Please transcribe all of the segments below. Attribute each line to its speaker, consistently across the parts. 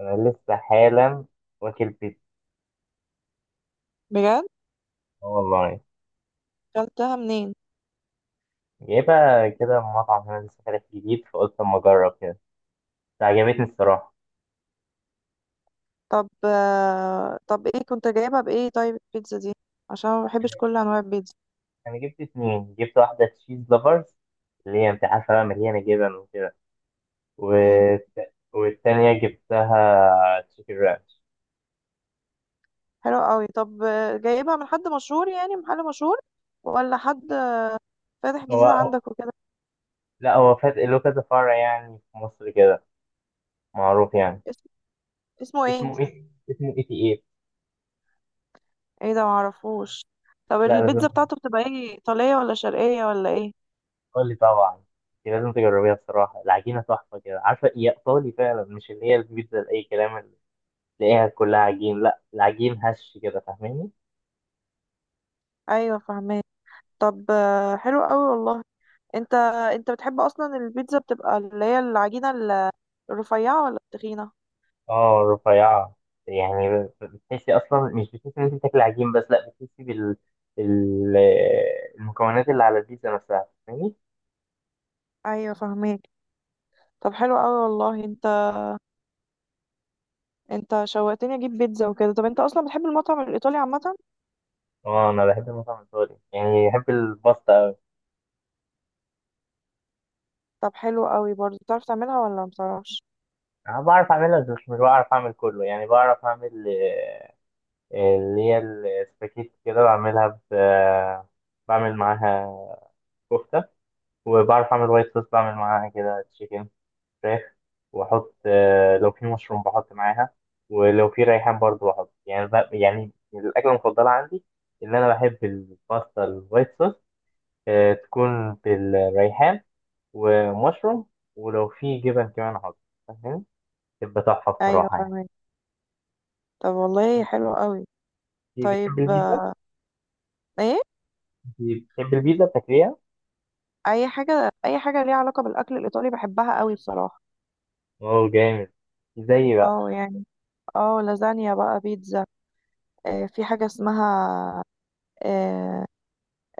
Speaker 1: انا لسه حالا واكل بيتزا.
Speaker 2: بجد؟
Speaker 1: اه والله.
Speaker 2: اكلتها منين؟
Speaker 1: جايبها كده من مطعم هنا لسه فاتح جديد، فقلت اما اجرب كده، بس عجبتني الصراحه.
Speaker 2: طب ايه كنت جايبها بايه؟ طيب البيتزا دي عشان أنا ما بحبش كل انواع البيتزا.
Speaker 1: انا جبت اتنين، جبت واحده تشيز لافرز، اللي هي انت عارفه بقى مليانه جبن وكده، و...
Speaker 2: مم.
Speaker 1: والتانيه جبتها تشيكن رانش.
Speaker 2: حلو قوي. طب جايبها من حد مشهور؟ يعني محل مشهور ولا حد فاتح جديد
Speaker 1: هو
Speaker 2: عندك وكده؟
Speaker 1: لا، هو فات له كذا فرع يعني في مصر كده، معروف يعني.
Speaker 2: اسم... اسمه ايه؟
Speaker 1: اسمه ايه؟ اسمه اي تي ايه.
Speaker 2: ايه ده؟ معرفوش. طب
Speaker 1: لا لازم،
Speaker 2: البيتزا بتاعته بتبقى ايه، ايطاليه ولا شرقيه ولا ايه؟
Speaker 1: قول لي طبعا، دي لازم تجربيها بصراحة. العجينة تحفة كده، عارفة؟ هي إيطالي فعلا، مش اللي هي البيتزا لأي كلام اللي تلاقيها كلها عجين، لا العجين هش كده، فاهماني؟
Speaker 2: ايوه فاهمه. طب حلو قوي والله. انت انت بتحب اصلا البيتزا، بتبقى اللي هي العجينه الرفيعه ولا التخينه؟
Speaker 1: اه رفيعة، يعني بتحسي أصلا مش بتحسي إن أنت بتاكلي عجين بس، لا بتحسي بال ال- المكونات اللي على البيتزا نفسها، فاهماني؟
Speaker 2: ايوه فاهمه. طب حلو قوي والله. انت شوقتني اجيب بيتزا وكده. طب انت اصلا بتحب المطعم الايطالي عامه؟
Speaker 1: اه أنا بحب المطعم الإيطالي، يعني بحب الباستا أوي.
Speaker 2: طب حلو قوي برضه، بتعرف تعملها ولا ما بتعرفش؟
Speaker 1: أنا بعرف أعملها بس مش بعرف أعمل كله، يعني بعرف أعمل اللي هي السباكيت كده، بعمل معاها كفتة، وبعرف أعمل وايت صوص، بعمل معاها كده تشيكن فراخ، وأحط لو في مشروم بحط معاها، ولو في ريحان برضو بحط. يعني يعني الأكلة المفضلة عندي إن أنا بحب الباستا الوايت صوص، تكون بالريحان ومشروم، ولو في جبن كمان أحط، فاهم؟ تبقى تحفة
Speaker 2: ايوه
Speaker 1: بصراحة يعني.
Speaker 2: فاهمك. طب والله حلو قوي.
Speaker 1: دي بتحب
Speaker 2: طيب.
Speaker 1: البيتزا؟
Speaker 2: ايه؟
Speaker 1: دي بتحب البيتزا بتاكليها؟
Speaker 2: اي حاجه، اي حاجه ليها علاقه بالاكل الايطالي بحبها قوي بصراحه.
Speaker 1: أوه جامد. زي بقى.
Speaker 2: اه يعني. اه، لازانيا بقى، بيتزا. آه، في حاجه اسمها، آه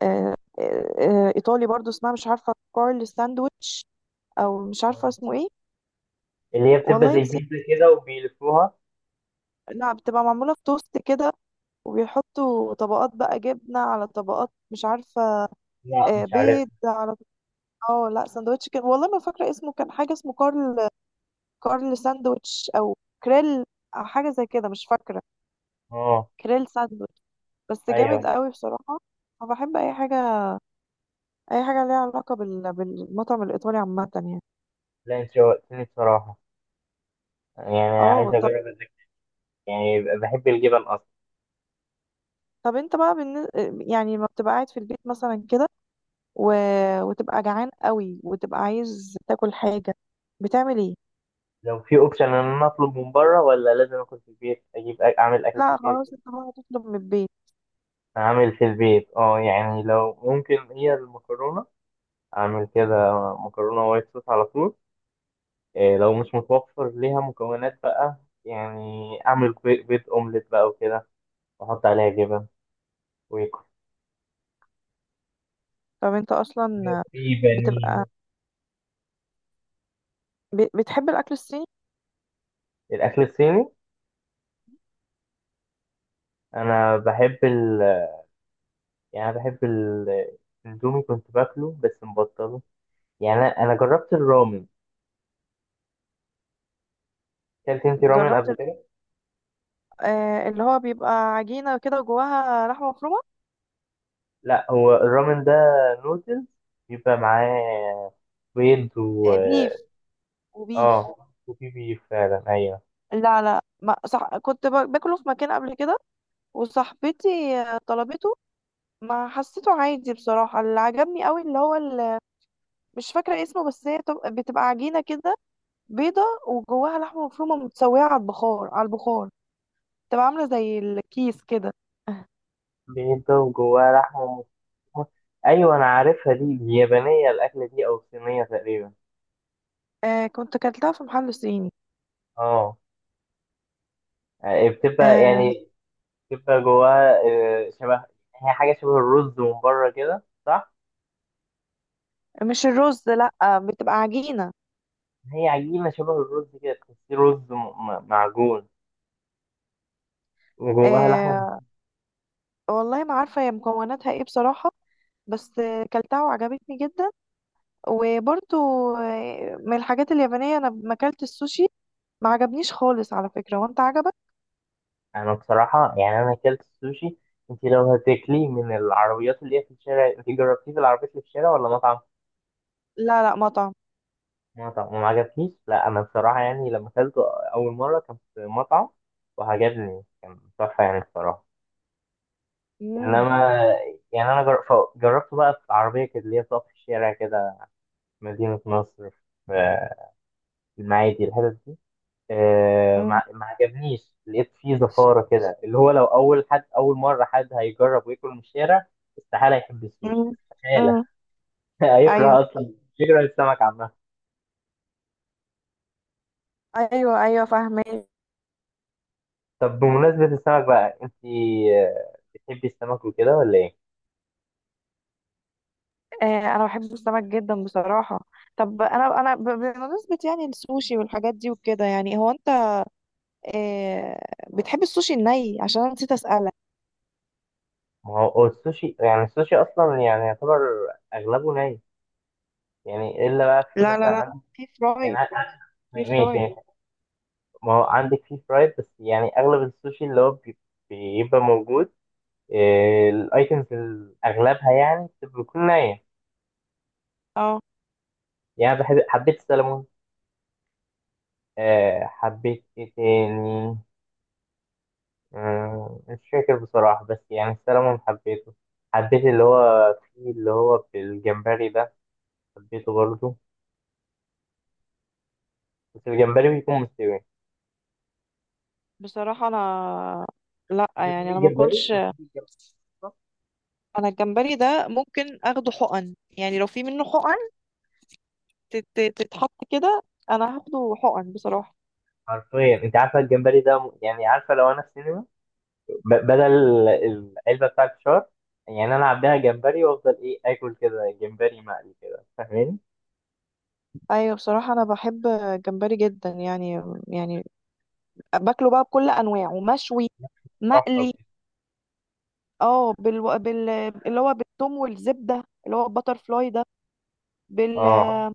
Speaker 2: آه آه ايطالي برضه، اسمها مش عارفه، كارل ساندويتش، او مش عارفه
Speaker 1: آه.
Speaker 2: اسمه ايه.
Speaker 1: اللي هي بتبقى
Speaker 2: والله
Speaker 1: زي
Speaker 2: نسيت.
Speaker 1: البيتزا كده وبيلفوها.
Speaker 2: لا، بتبقى معموله في توست كده، وبيحطوا طبقات بقى، جبنة على طبقات، مش عارفة.
Speaker 1: مم.
Speaker 2: آه،
Speaker 1: مش عارف.
Speaker 2: بيض على. اه لا، سندوتش كان، والله ما فاكرة اسمه، كان حاجة اسمه كارل. كارل ساندوتش او كريل، أو حاجة زي كده، مش فاكرة.
Speaker 1: اه
Speaker 2: كريل ساندوتش. بس
Speaker 1: ايوه.
Speaker 2: جامد قوي بصراحة. أنا بحب أي حاجة، أي حاجة ليها علاقة بالمطعم الإيطالي عامة يعني.
Speaker 1: لا انت شوقتني بصراحه، يعني عايز
Speaker 2: اه طب.
Speaker 1: اجرب يعني بحب الجبن اصلا.
Speaker 2: طب انت بقى بالن... يعني لما بتبقى قاعد في البيت مثلا كده، و... وتبقى جعان قوي وتبقى عايز تاكل حاجة، بتعمل ايه؟
Speaker 1: لو في اوبشن ان انا اطلب من بره، ولا لازم اكل في البيت، اعمل اكل في
Speaker 2: لا
Speaker 1: البيت.
Speaker 2: خلاص، انت بقى تطلب من البيت.
Speaker 1: اعمل في البيت اه، يعني لو ممكن هي المكرونه، اعمل كده مكرونه وايت صوص على طول. إيه لو مش متوفر ليها مكونات بقى، يعني اعمل بيض اومليت بقى وكده، واحط عليها جبن، ويكون
Speaker 2: طب انت اصلا
Speaker 1: في
Speaker 2: بتبقى
Speaker 1: بانيه.
Speaker 2: بتحب الاكل الصيني؟
Speaker 1: الأكل الصيني، أنا بحب ال، يعني أنا بحب الأندومي، كنت باكله بس مبطله. يعني أنا جربت الرامن. أكلت أنت رامن
Speaker 2: جربت
Speaker 1: قبل
Speaker 2: ال-.
Speaker 1: كده؟
Speaker 2: اللي هو بيبقى عجينه كده وجواها لحمه مفرومه.
Speaker 1: لا هو الرامن ده نودلز، بيبقى معاه بيض و
Speaker 2: بيف. وبيف.
Speaker 1: آه، وفي بيف فعلا أيوه.
Speaker 2: لا لا، ما صح، كنت باكله في مكان قبل كده، وصاحبتي طلبته، ما حسيته عادي بصراحه. اللي عجبني قوي اللي هو ال-. مش فاكره اسمه، بس هي بتبقى عجينه كده، بيضه، وجواها لحمه مفرومه، متسويه على البخار، على البخار، تبقى عامله زي الكيس كده.
Speaker 1: بيض ده وجواه لحمة مفرومة، أيوه أنا عارفها دي، اليابانية الأكلة دي، أو الصينية تقريبا.
Speaker 2: آه، كنت اكلتها في محل صيني.
Speaker 1: آه يعني بتبقى،
Speaker 2: آه،
Speaker 1: يعني بتبقى جواها شبه، هي حاجة شبه الرز من بره كده، صح؟
Speaker 2: مش الرز لا، بتبقى عجينة.
Speaker 1: هي عجينة شبه الرز كده، تحسيه رز معجون، وجواها لحمة.
Speaker 2: آه، والله ما عارفة هي مكوناتها ايه بصراحة، بس كلتها وعجبتني جدا. وبرضو من الحاجات اليابانية، انا ما كلت السوشي، ما عجبنيش خالص على فكرة. وانت عجبك؟
Speaker 1: أنا بصراحة يعني أنا أكلت السوشي، أنت لو هتاكليه من العربيات اللي هي في الشارع، أنت جربتيه في العربيات اللي في الشارع ولا مطعم؟
Speaker 2: لا لا، مطعم.
Speaker 1: مطعم وما عجبكيش؟ لا أنا بصراحة يعني لما أكلته أول مرة كان في مطعم، وعجبني، كان تحفة يعني بصراحة.
Speaker 2: مم.
Speaker 1: إنما يعني جربته بقى في عربية كده اللي هي بتقف في الشارع كده، في مدينة نصر، في المعادي الحتت دي،
Speaker 2: مم.
Speaker 1: ما عجبنيش، لقيت فيه زفارة كده، اللي هو لو أول حد، أول مرة حد هيجرب وياكل من الشارع، استحالة يحب السوشي،
Speaker 2: مم.
Speaker 1: استحالة.
Speaker 2: مم. ايوه.
Speaker 1: هيكره أصلا، يكره السمك عامة.
Speaker 2: ايوه ايوه فاهمه.
Speaker 1: طب بمناسبة السمك بقى، أنت بتحبي السمك وكده ولا إيه؟
Speaker 2: آه، انا بحب السمك جدا بصراحه. طب انا بمناسبه يعني السوشي والحاجات دي وكده، يعني هو انت، آه بتحب السوشي الني؟ عشان انا نسيت اسالك.
Speaker 1: ما هو هو السوشي، يعني السوشي أصلا يعني يعتبر أغلبه ني، يعني إلا بقى في
Speaker 2: لا
Speaker 1: مثلا
Speaker 2: لا لا،
Speaker 1: عندك،
Speaker 2: في
Speaker 1: يعني
Speaker 2: فرايد، في
Speaker 1: ماشي
Speaker 2: فرايد.
Speaker 1: يعني، ما هو عندك فيه فرايد، بس يعني أغلب السوشي اللي هو بيبقى موجود، الايتمز اغلبها يعني بتكون نية.
Speaker 2: اه
Speaker 1: يعني بحب، حبيت السلمون، حبيت ايه تاني، مش فاكر بصراحة، بس يعني السلمون حبيته، حبيت اللي هو فيه، اللي هو في الجمبري ده، حبيته برضه، بس الجمبري بيكون مستوي.
Speaker 2: بصراحة انا، لا
Speaker 1: بتحب
Speaker 2: يعني انا ما
Speaker 1: الجمبري،
Speaker 2: اكلش.
Speaker 1: بتحب الجمبري أصلاً؟
Speaker 2: انا الجمبري ده ممكن اخده حقن، يعني لو في منه حقن تتحط كده، انا هاخده حقن بصراحة.
Speaker 1: حرفيا انت عارفة الجمبري ده يعني عارفة لو انا في سينما، بدل العلبة بتاعت الفشار، يعني انا عبيها جمبري وافضل ايه اكل كده جمبري مقلي كده، فاهماني؟
Speaker 2: ايوه بصراحة انا بحب الجمبري جدا يعني، يعني باكله بقى بكل انواعه، مشوي،
Speaker 1: صح
Speaker 2: مقلي. اه بال... بال اللي هو بالثوم والزبدة، اللي هو البتر فلاي ده. بال.
Speaker 1: اه.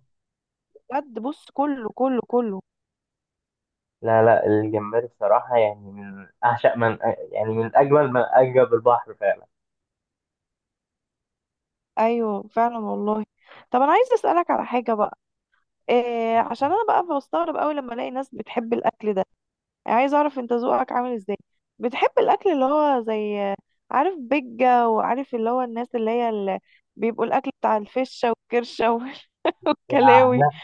Speaker 2: بجد بص، كله كله كله.
Speaker 1: لا لا، الجمبري بصراحة يعني من أعشق، من يعني من أجمل، من أعجب البحر فعلا
Speaker 2: ايوه فعلا والله. طب انا عايز اسالك على حاجة بقى. إيه، عشان انا بقى بستغرب قوي لما الاقي ناس بتحب الاكل ده. يعني عايز اعرف انت ذوقك عامل ازاي، بتحب الاكل اللي هو زي، عارف بيجة، وعارف اللي هو الناس اللي هي اللي بيبقوا الاكل بتاع الفشة والكرشة
Speaker 1: يعني.
Speaker 2: والكلاوي؟
Speaker 1: لا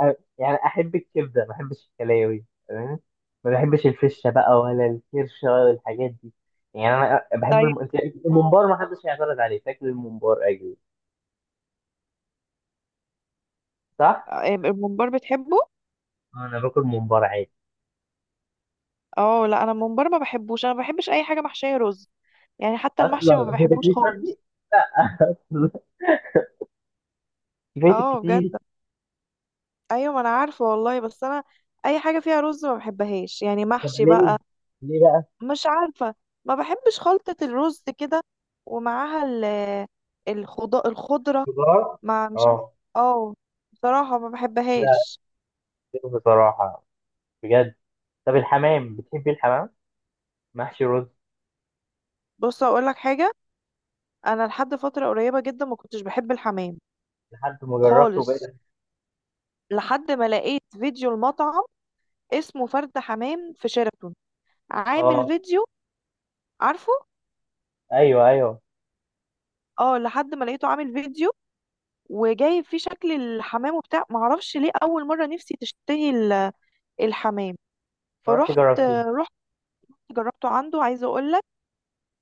Speaker 1: لا، يعني أحب الكبدة، ما أحبش الكلاوي تمام، ما بحبش الفشة بقى ولا الكرشة ولا الحاجات دي، يعني أنا بحب
Speaker 2: طيب.
Speaker 1: الممبار، ما حدش هيعترض عليه تاكل الممبار أجي، صح؟
Speaker 2: إيه، الممبار، بتحبه؟
Speaker 1: أنا باكل ممبار عادي
Speaker 2: اه لا، انا الممبار ما بحبوش. انا ما بحبش اي حاجة محشية رز، يعني حتى
Speaker 1: أصلا.
Speaker 2: المحشي ما
Speaker 1: أنت
Speaker 2: بحبوش
Speaker 1: بتاكليه شرقي؟
Speaker 2: خالص.
Speaker 1: لا. أصلا فايتك
Speaker 2: اه بجد.
Speaker 1: كتير.
Speaker 2: ايوه، ما انا عارفة والله، بس انا اي حاجة فيها رز ما بحبهاش، يعني
Speaker 1: طب
Speaker 2: محشي
Speaker 1: ليه؟
Speaker 2: بقى.
Speaker 1: ليه بقى؟
Speaker 2: مش عارفة. ما بحبش خلطة الرز كده، ومعاها الخضرة.
Speaker 1: خضار؟
Speaker 2: مع، مش عارفة.
Speaker 1: اه.
Speaker 2: اه. بصراحة ما
Speaker 1: لا
Speaker 2: بحبهاش.
Speaker 1: بصراحة، بجد. طب الحمام، بتحبي الحمام محشي رز؟
Speaker 2: بص اقول لك حاجة، انا لحد فترة قريبة جدا ما كنتش بحب الحمام
Speaker 1: لحد ما جربته وبقيت،
Speaker 2: خالص، لحد ما لقيت فيديو المطعم، اسمه فرد حمام، في شيراتون، عامل
Speaker 1: اه
Speaker 2: فيديو، عارفه.
Speaker 1: ايوه ايوه.
Speaker 2: اه، لحد ما لقيته عامل فيديو، وجايب فيه شكل الحمام وبتاع، معرفش ليه اول مرة نفسي تشتهي الحمام.
Speaker 1: رحت
Speaker 2: فرحت
Speaker 1: جربتيه؟
Speaker 2: رحت جربته عنده. عايزه اقول لك،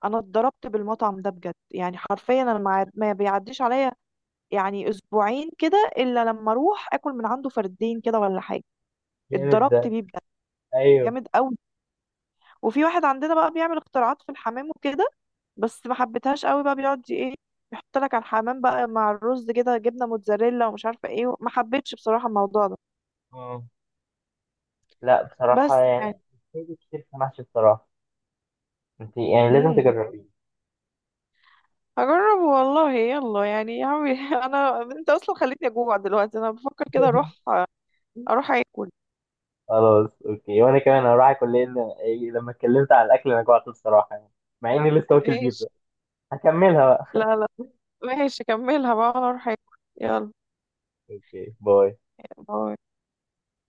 Speaker 2: انا اتضربت بالمطعم ده بجد، يعني حرفيا انا ما بيعديش عليا، يعني اسبوعين كده الا لما اروح اكل من عنده فردين كده ولا حاجه.
Speaker 1: جامد ده،
Speaker 2: اتضربت بيه بجد.
Speaker 1: ايوه.
Speaker 2: جامد قوي. وفي واحد عندنا بقى بيعمل اختراعات في الحمام وكده، بس ما حبيتهاش قوي بقى. بيقعد ايه، يحط لك على الحمام بقى مع الرز كده جبنه موتزاريلا ومش عارفه ايه. ما حبيتش بصراحه الموضوع ده.
Speaker 1: اه. لا بصراحه
Speaker 2: بس يعني.
Speaker 1: يعني بتحبي كتير في المحشي بصراحه، انت يعني لازم
Speaker 2: امم
Speaker 1: تجربيه.
Speaker 2: هجرب والله يلا، يعني يا عمي. انا، انت اصلا خليتني اجوع دلوقتي، انا بفكر كده اروح اكل.
Speaker 1: خلاص اوكي، وانا كمان هروح اكل، لان لما اتكلمت على الاكل انا جوعت بصراحه يعني، مع اني لسه واكل بيتزا.
Speaker 2: ماشي.
Speaker 1: هكملها بقى.
Speaker 2: لا لا، ماشي، كملها بقى، انا اروح اكل. يلا.
Speaker 1: اوكي باي.
Speaker 2: باي.